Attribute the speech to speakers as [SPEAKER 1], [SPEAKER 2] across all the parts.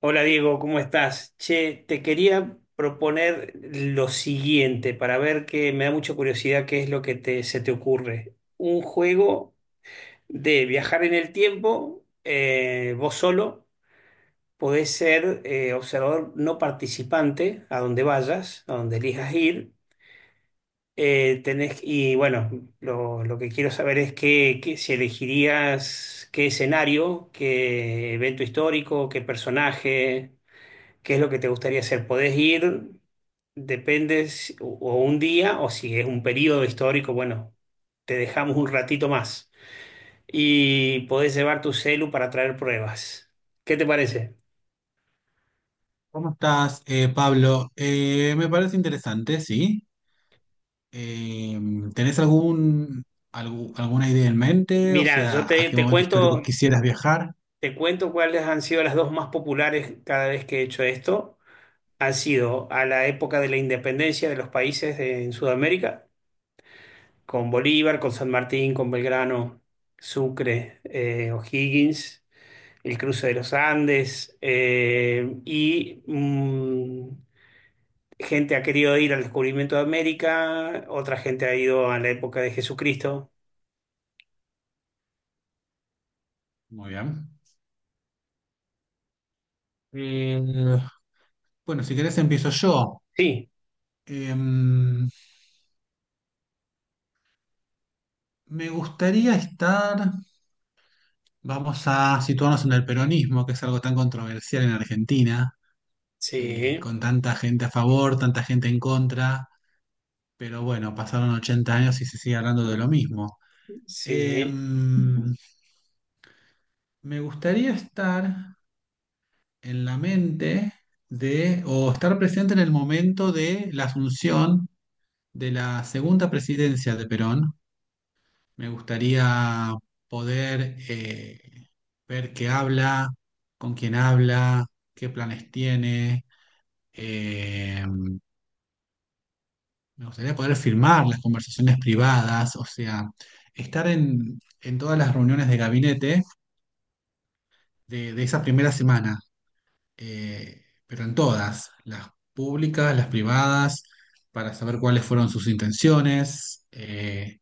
[SPEAKER 1] Hola Diego, ¿cómo estás? Che, te quería proponer lo siguiente para ver que me da mucha curiosidad qué es lo que se te ocurre. Un juego de viajar en el tiempo, vos solo, podés ser observador no participante a donde vayas, a donde elijas ir. Tenés, y bueno, lo que quiero saber es si elegirías qué escenario, qué evento histórico, qué personaje. ¿Qué es lo que te gustaría hacer? Podés ir, depende o un día o si es un periodo histórico, bueno, te dejamos un ratito más y podés llevar tu celu para traer pruebas. ¿Qué te parece?
[SPEAKER 2] ¿Cómo estás, Pablo? Me parece interesante, sí. Eh, ¿Tenés algún, alguna idea en mente? O
[SPEAKER 1] Mira,
[SPEAKER 2] sea, ¿a qué momento histórico quisieras viajar?
[SPEAKER 1] te cuento cuáles han sido las dos más populares cada vez que he hecho esto. Han sido a la época de la independencia de los países en Sudamérica, con Bolívar, con San Martín, con Belgrano, Sucre, O'Higgins. El cruce de los Andes, y gente ha querido ir al descubrimiento de América, otra gente ha ido a la época de Jesucristo.
[SPEAKER 2] Muy bien. Eh, bueno, si querés empiezo yo.
[SPEAKER 1] Sí,
[SPEAKER 2] Me gustaría estar, vamos a situarnos en el peronismo, que es algo tan controversial en Argentina,
[SPEAKER 1] sí,
[SPEAKER 2] con tanta gente a favor, tanta gente en contra, pero bueno, pasaron 80 años y se sigue hablando de lo mismo.
[SPEAKER 1] sí.
[SPEAKER 2] Em, Me gustaría estar en la mente de, o estar presente en el momento de la asunción de la segunda presidencia de Perón. Me gustaría poder ver qué habla, con quién habla, qué planes tiene. Em, Me gustaría poder firmar las conversaciones privadas, o sea, estar en todas las reuniones de gabinete de esa primera semana, eh, pero en todas, las públicas, las privadas, para saber cuáles fueron sus intenciones,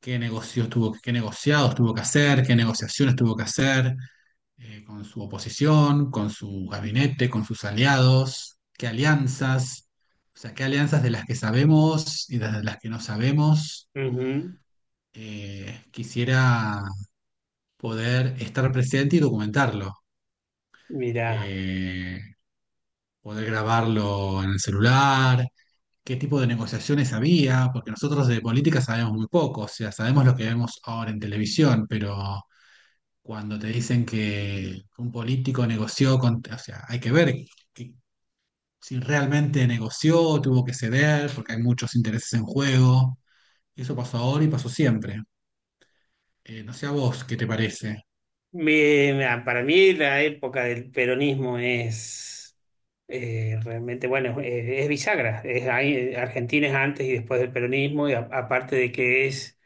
[SPEAKER 2] qué negocios tuvo, qué negociados tuvo que hacer, qué negociaciones tuvo que hacer, con su oposición, con su gabinete, con sus aliados, qué alianzas, o sea, qué alianzas de las que sabemos y de las que no sabemos.
[SPEAKER 1] Ujú.
[SPEAKER 2] Quisiera poder estar presente y documentarlo.
[SPEAKER 1] Mirá.
[SPEAKER 2] eh, Poder grabarlo en el celular, qué tipo de negociaciones había, porque nosotros de política sabemos muy poco, o sea, sabemos lo que vemos ahora en televisión, pero cuando te dicen que un político negoció con, o sea, hay que ver que- si realmente negoció, tuvo que ceder, porque hay muchos intereses en juego. Eso pasó ahora y pasó siempre. No sé a vos qué te parece.
[SPEAKER 1] Mirá, para mí la época del peronismo es realmente, bueno, es bisagra. Es, ahí, Argentina es antes y después del peronismo, y aparte de que es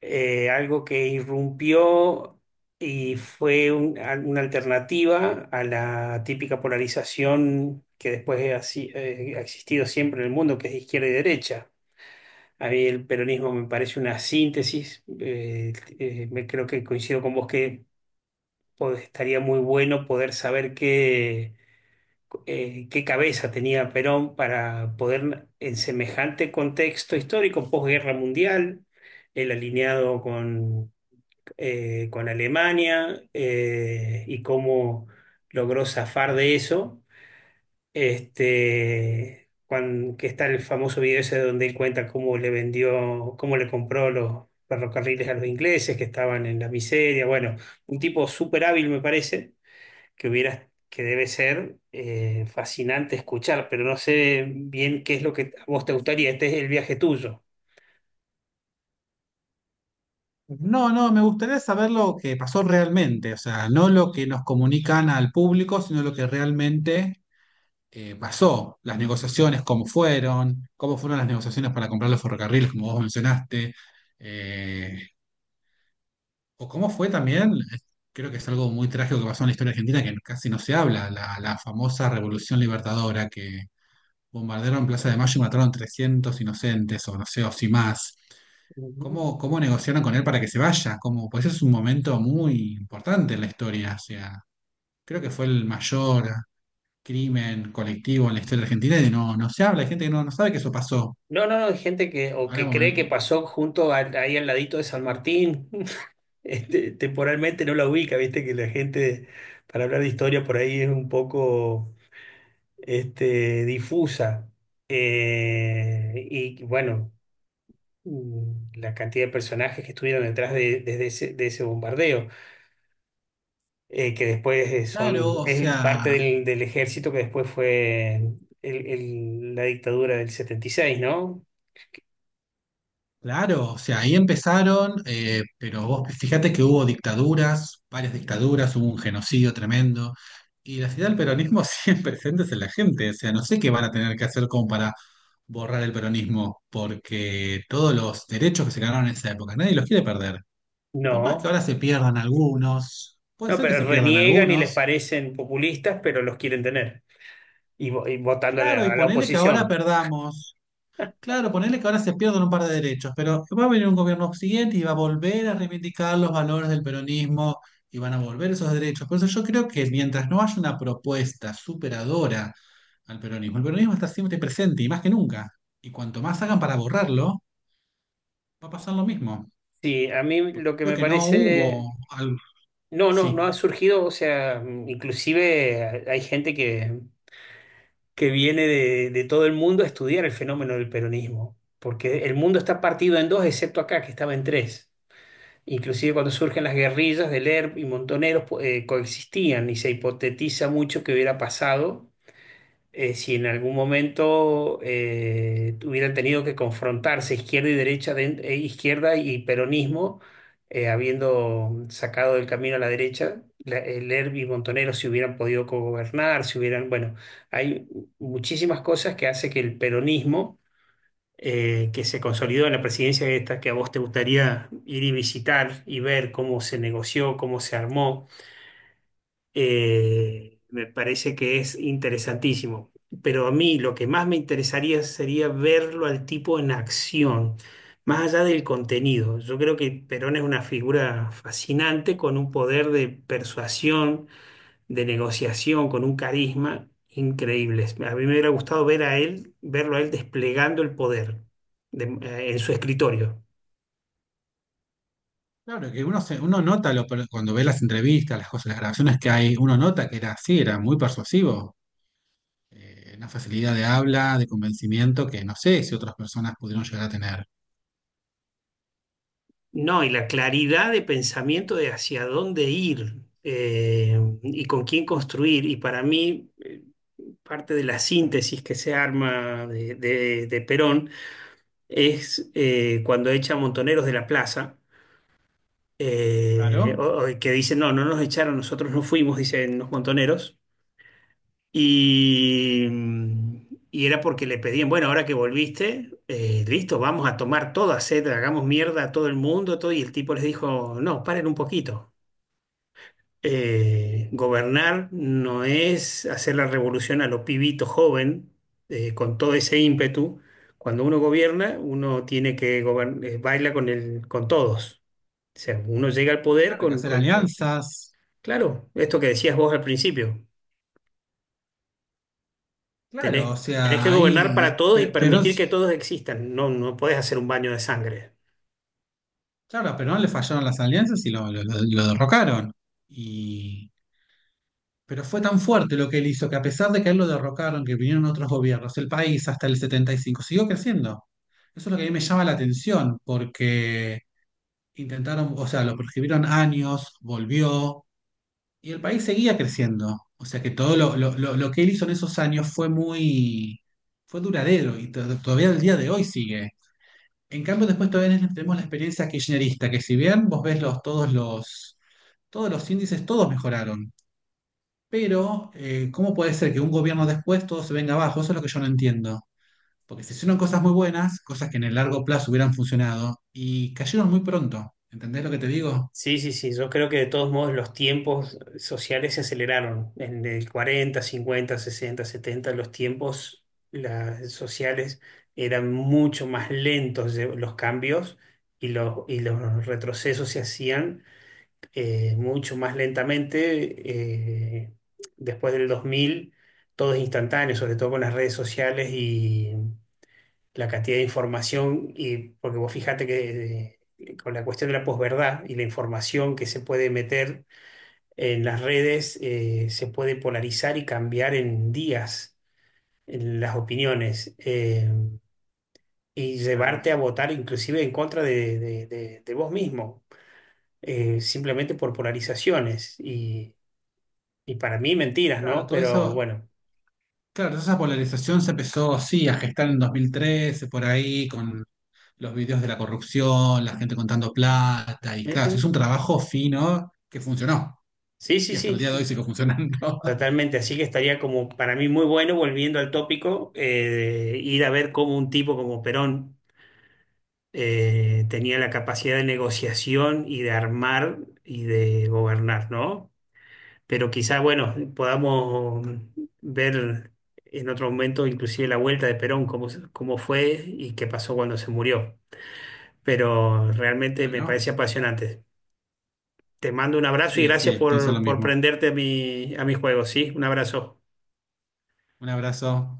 [SPEAKER 1] algo que irrumpió y fue una alternativa a la típica polarización que después ha, ha existido siempre en el mundo, que es izquierda y derecha. A mí el peronismo me parece una síntesis. Me creo que coincido con vos que estaría muy bueno poder saber qué cabeza tenía Perón para poder, en semejante contexto histórico, posguerra mundial, el alineado con Alemania, y cómo logró zafar de eso. Este, que está el famoso video ese donde él cuenta cómo le vendió, cómo le compró los ferrocarriles a los ingleses que estaban en la miseria. Bueno, un tipo súper hábil me parece, que hubiera, que debe ser fascinante escuchar, pero no sé bien qué es lo que a vos te gustaría. Este es el viaje tuyo.
[SPEAKER 2] No, no, me gustaría saber lo que pasó realmente, o sea, no lo que nos comunican al público, sino lo que realmente pasó, las negociaciones, cómo fueron las negociaciones para comprar los ferrocarriles, como vos mencionaste, eh, o cómo fue también, creo que es algo muy trágico que pasó en la historia argentina, que casi no se habla, la famosa Revolución Libertadora, que bombardearon Plaza de Mayo y mataron 300 inocentes, o no sé, o si más.
[SPEAKER 1] Ujú.
[SPEAKER 2] ¿Cómo, cómo negociaron con él para que se vaya? ¿Cómo? Pues es un momento muy importante en la historia, o sea, creo que fue el mayor crimen colectivo en la historia argentina y no, no se habla, hay gente que no, no sabe que eso pasó.
[SPEAKER 1] No, no, no, hay gente que, o
[SPEAKER 2] Ahora
[SPEAKER 1] que
[SPEAKER 2] vos
[SPEAKER 1] cree que
[SPEAKER 2] me-
[SPEAKER 1] pasó junto ahí al ladito de San Martín. Este, temporalmente no la ubica, viste que la gente, para hablar de historia por ahí es un poco este, difusa. Y bueno, la cantidad de personajes que estuvieron detrás de, desde ese, de ese bombardeo, que después
[SPEAKER 2] Claro,
[SPEAKER 1] son,
[SPEAKER 2] o
[SPEAKER 1] es
[SPEAKER 2] sea,
[SPEAKER 1] parte del, del ejército que después fue la dictadura del setenta y seis.
[SPEAKER 2] claro, o sea, ahí empezaron, pero vos fíjate que hubo dictaduras, varias dictaduras, hubo un genocidio tremendo, y la ciudad del peronismo siempre presentes en la gente, o sea, no sé qué van a tener que hacer como para borrar el peronismo, porque todos los derechos que se ganaron en esa época, nadie los quiere perder.
[SPEAKER 1] No.
[SPEAKER 2] Por más que
[SPEAKER 1] No.
[SPEAKER 2] ahora se pierdan algunos, puede
[SPEAKER 1] No,
[SPEAKER 2] ser que
[SPEAKER 1] pero
[SPEAKER 2] se pierdan
[SPEAKER 1] reniegan y les
[SPEAKER 2] algunos,
[SPEAKER 1] parecen populistas, pero los quieren tener. Y, y votando
[SPEAKER 2] claro, y
[SPEAKER 1] a la
[SPEAKER 2] ponele que ahora
[SPEAKER 1] oposición.
[SPEAKER 2] perdamos. Claro, ponele que ahora se pierdan un par de derechos, pero va a venir un gobierno siguiente y va a volver a reivindicar los valores del peronismo y van a volver esos derechos. Por eso yo creo que mientras no haya una propuesta superadora al peronismo, el peronismo está siempre presente y más que nunca. Y cuanto más hagan para borrarlo, va a pasar lo mismo.
[SPEAKER 1] Sí, a mí
[SPEAKER 2] Porque
[SPEAKER 1] lo que
[SPEAKER 2] creo
[SPEAKER 1] me
[SPEAKER 2] que no
[SPEAKER 1] parece...
[SPEAKER 2] hubo algo.
[SPEAKER 1] No, no, no
[SPEAKER 2] Sí,
[SPEAKER 1] ha surgido, o sea, inclusive hay gente que viene de todo el mundo a estudiar el fenómeno del peronismo, porque el mundo está partido en dos, excepto acá, que estaba en tres. Inclusive cuando surgen las guerrillas del ERP y Montoneros, coexistían y se hipotetiza mucho que hubiera pasado, si en algún momento hubieran tenido que confrontarse izquierda y derecha, izquierda y peronismo, habiendo sacado del camino a la derecha, Lerby y Montonero, si hubieran podido gobernar, si hubieran, bueno, hay muchísimas cosas que hace que el peronismo, que se consolidó en la presidencia esta, que a vos te gustaría ir y visitar y ver cómo se negoció, cómo se armó, me parece que es interesantísimo. Pero a mí lo que más me interesaría sería verlo al tipo en acción, más allá del contenido. Yo creo que Perón es una figura fascinante con un poder de persuasión, de negociación, con un carisma increíble. A mí me hubiera gustado ver a él, verlo a él desplegando el poder en su escritorio.
[SPEAKER 2] claro que uno, se, uno nota lo, cuando ve las entrevistas, las cosas, las grabaciones que hay, uno nota que era así, era muy persuasivo, una facilidad de habla, de convencimiento que no sé si otras personas pudieron llegar a tener.
[SPEAKER 1] No, y la claridad de pensamiento de hacia dónde ir, y con quién construir. Y para mí, parte de la síntesis que se arma de, de Perón es, cuando echa a Montoneros de la plaza,
[SPEAKER 2] Claro,
[SPEAKER 1] o que dicen, no, no nos echaron, nosotros no fuimos, dicen los Montoneros. Y, y era porque le pedían, bueno, ahora que volviste, listo, vamos a tomar todo, hacer, hagamos mierda a todo el mundo, todo. Y el tipo les dijo, no, paren un poquito. Gobernar no es hacer la revolución a lo pibito joven, con todo ese ímpetu. Cuando uno gobierna, uno tiene que baila con el, con todos. O sea, uno llega al poder
[SPEAKER 2] claro, hay que hacer alianzas.
[SPEAKER 1] claro, esto que decías vos al principio,
[SPEAKER 2] Claro, o
[SPEAKER 1] tenés que
[SPEAKER 2] sea,
[SPEAKER 1] gobernar
[SPEAKER 2] ahí
[SPEAKER 1] para todos y
[SPEAKER 2] Perón,
[SPEAKER 1] permitir que todos existan. No, no podés hacer un baño de sangre.
[SPEAKER 2] claro, a Perón le fallaron las alianzas y lo, lo derrocaron. Y, pero fue tan fuerte lo que él hizo que a pesar de que a él lo derrocaron, que vinieron otros gobiernos, el país hasta el 75 siguió creciendo. Eso es lo que a mí me llama la atención, porque intentaron, o sea, lo prohibieron años, volvió, y el país seguía creciendo. O sea que todo lo, lo que él hizo en esos años fue muy, fue duradero y todavía el día de hoy sigue. En cambio, después todavía tenemos la experiencia kirchnerista, que si bien vos ves los, todos los, todos los índices, todos mejoraron. Pero, ¿cómo puede ser que un gobierno después todo se venga abajo? Eso es lo que yo no entiendo. Porque se hicieron cosas muy buenas, cosas que en el largo plazo hubieran funcionado, y cayeron muy pronto. ¿Entendés lo que te digo?
[SPEAKER 1] Sí, sí, sí, yo creo que de todos modos los tiempos sociales se aceleraron. En el 40 50 60 70 los tiempos las, sociales eran mucho más lentos los cambios y los retrocesos se hacían mucho más lentamente. Después del 2000 todo es instantáneo, sobre todo con las redes sociales, la cantidad de información, y porque vos fíjate que con la cuestión de la posverdad y la información que se puede meter en las redes, se puede polarizar y cambiar en días en las opiniones, y
[SPEAKER 2] Claro.
[SPEAKER 1] llevarte a votar inclusive en contra de, de vos mismo, simplemente por polarizaciones. Y para mí mentiras,
[SPEAKER 2] Claro,
[SPEAKER 1] ¿no?
[SPEAKER 2] todo
[SPEAKER 1] Pero
[SPEAKER 2] eso,
[SPEAKER 1] bueno,
[SPEAKER 2] claro, esa polarización se empezó, sí, a gestar en 2013, por ahí, con los videos de la corrupción, la gente contando plata, y
[SPEAKER 1] sí,
[SPEAKER 2] claro, es
[SPEAKER 1] sí,
[SPEAKER 2] un trabajo fino que funcionó,
[SPEAKER 1] sí, sí,
[SPEAKER 2] y hasta
[SPEAKER 1] sí.
[SPEAKER 2] el día de hoy sigue funcionando.
[SPEAKER 1] Totalmente, así que estaría como para mí muy bueno, volviendo al tópico, ir a ver cómo un tipo como Perón tenía la capacidad de negociación y de armar y de gobernar, ¿no? Pero quizá, bueno, podamos ver en otro momento inclusive la vuelta de Perón, cómo, cómo fue y qué pasó cuando se murió. Pero realmente me
[SPEAKER 2] Bueno,
[SPEAKER 1] parece apasionante. Te mando un abrazo y
[SPEAKER 2] así es,
[SPEAKER 1] gracias
[SPEAKER 2] sí, pienso lo
[SPEAKER 1] por
[SPEAKER 2] mismo.
[SPEAKER 1] prenderte a mi juego, ¿sí? Un abrazo.
[SPEAKER 2] Un abrazo.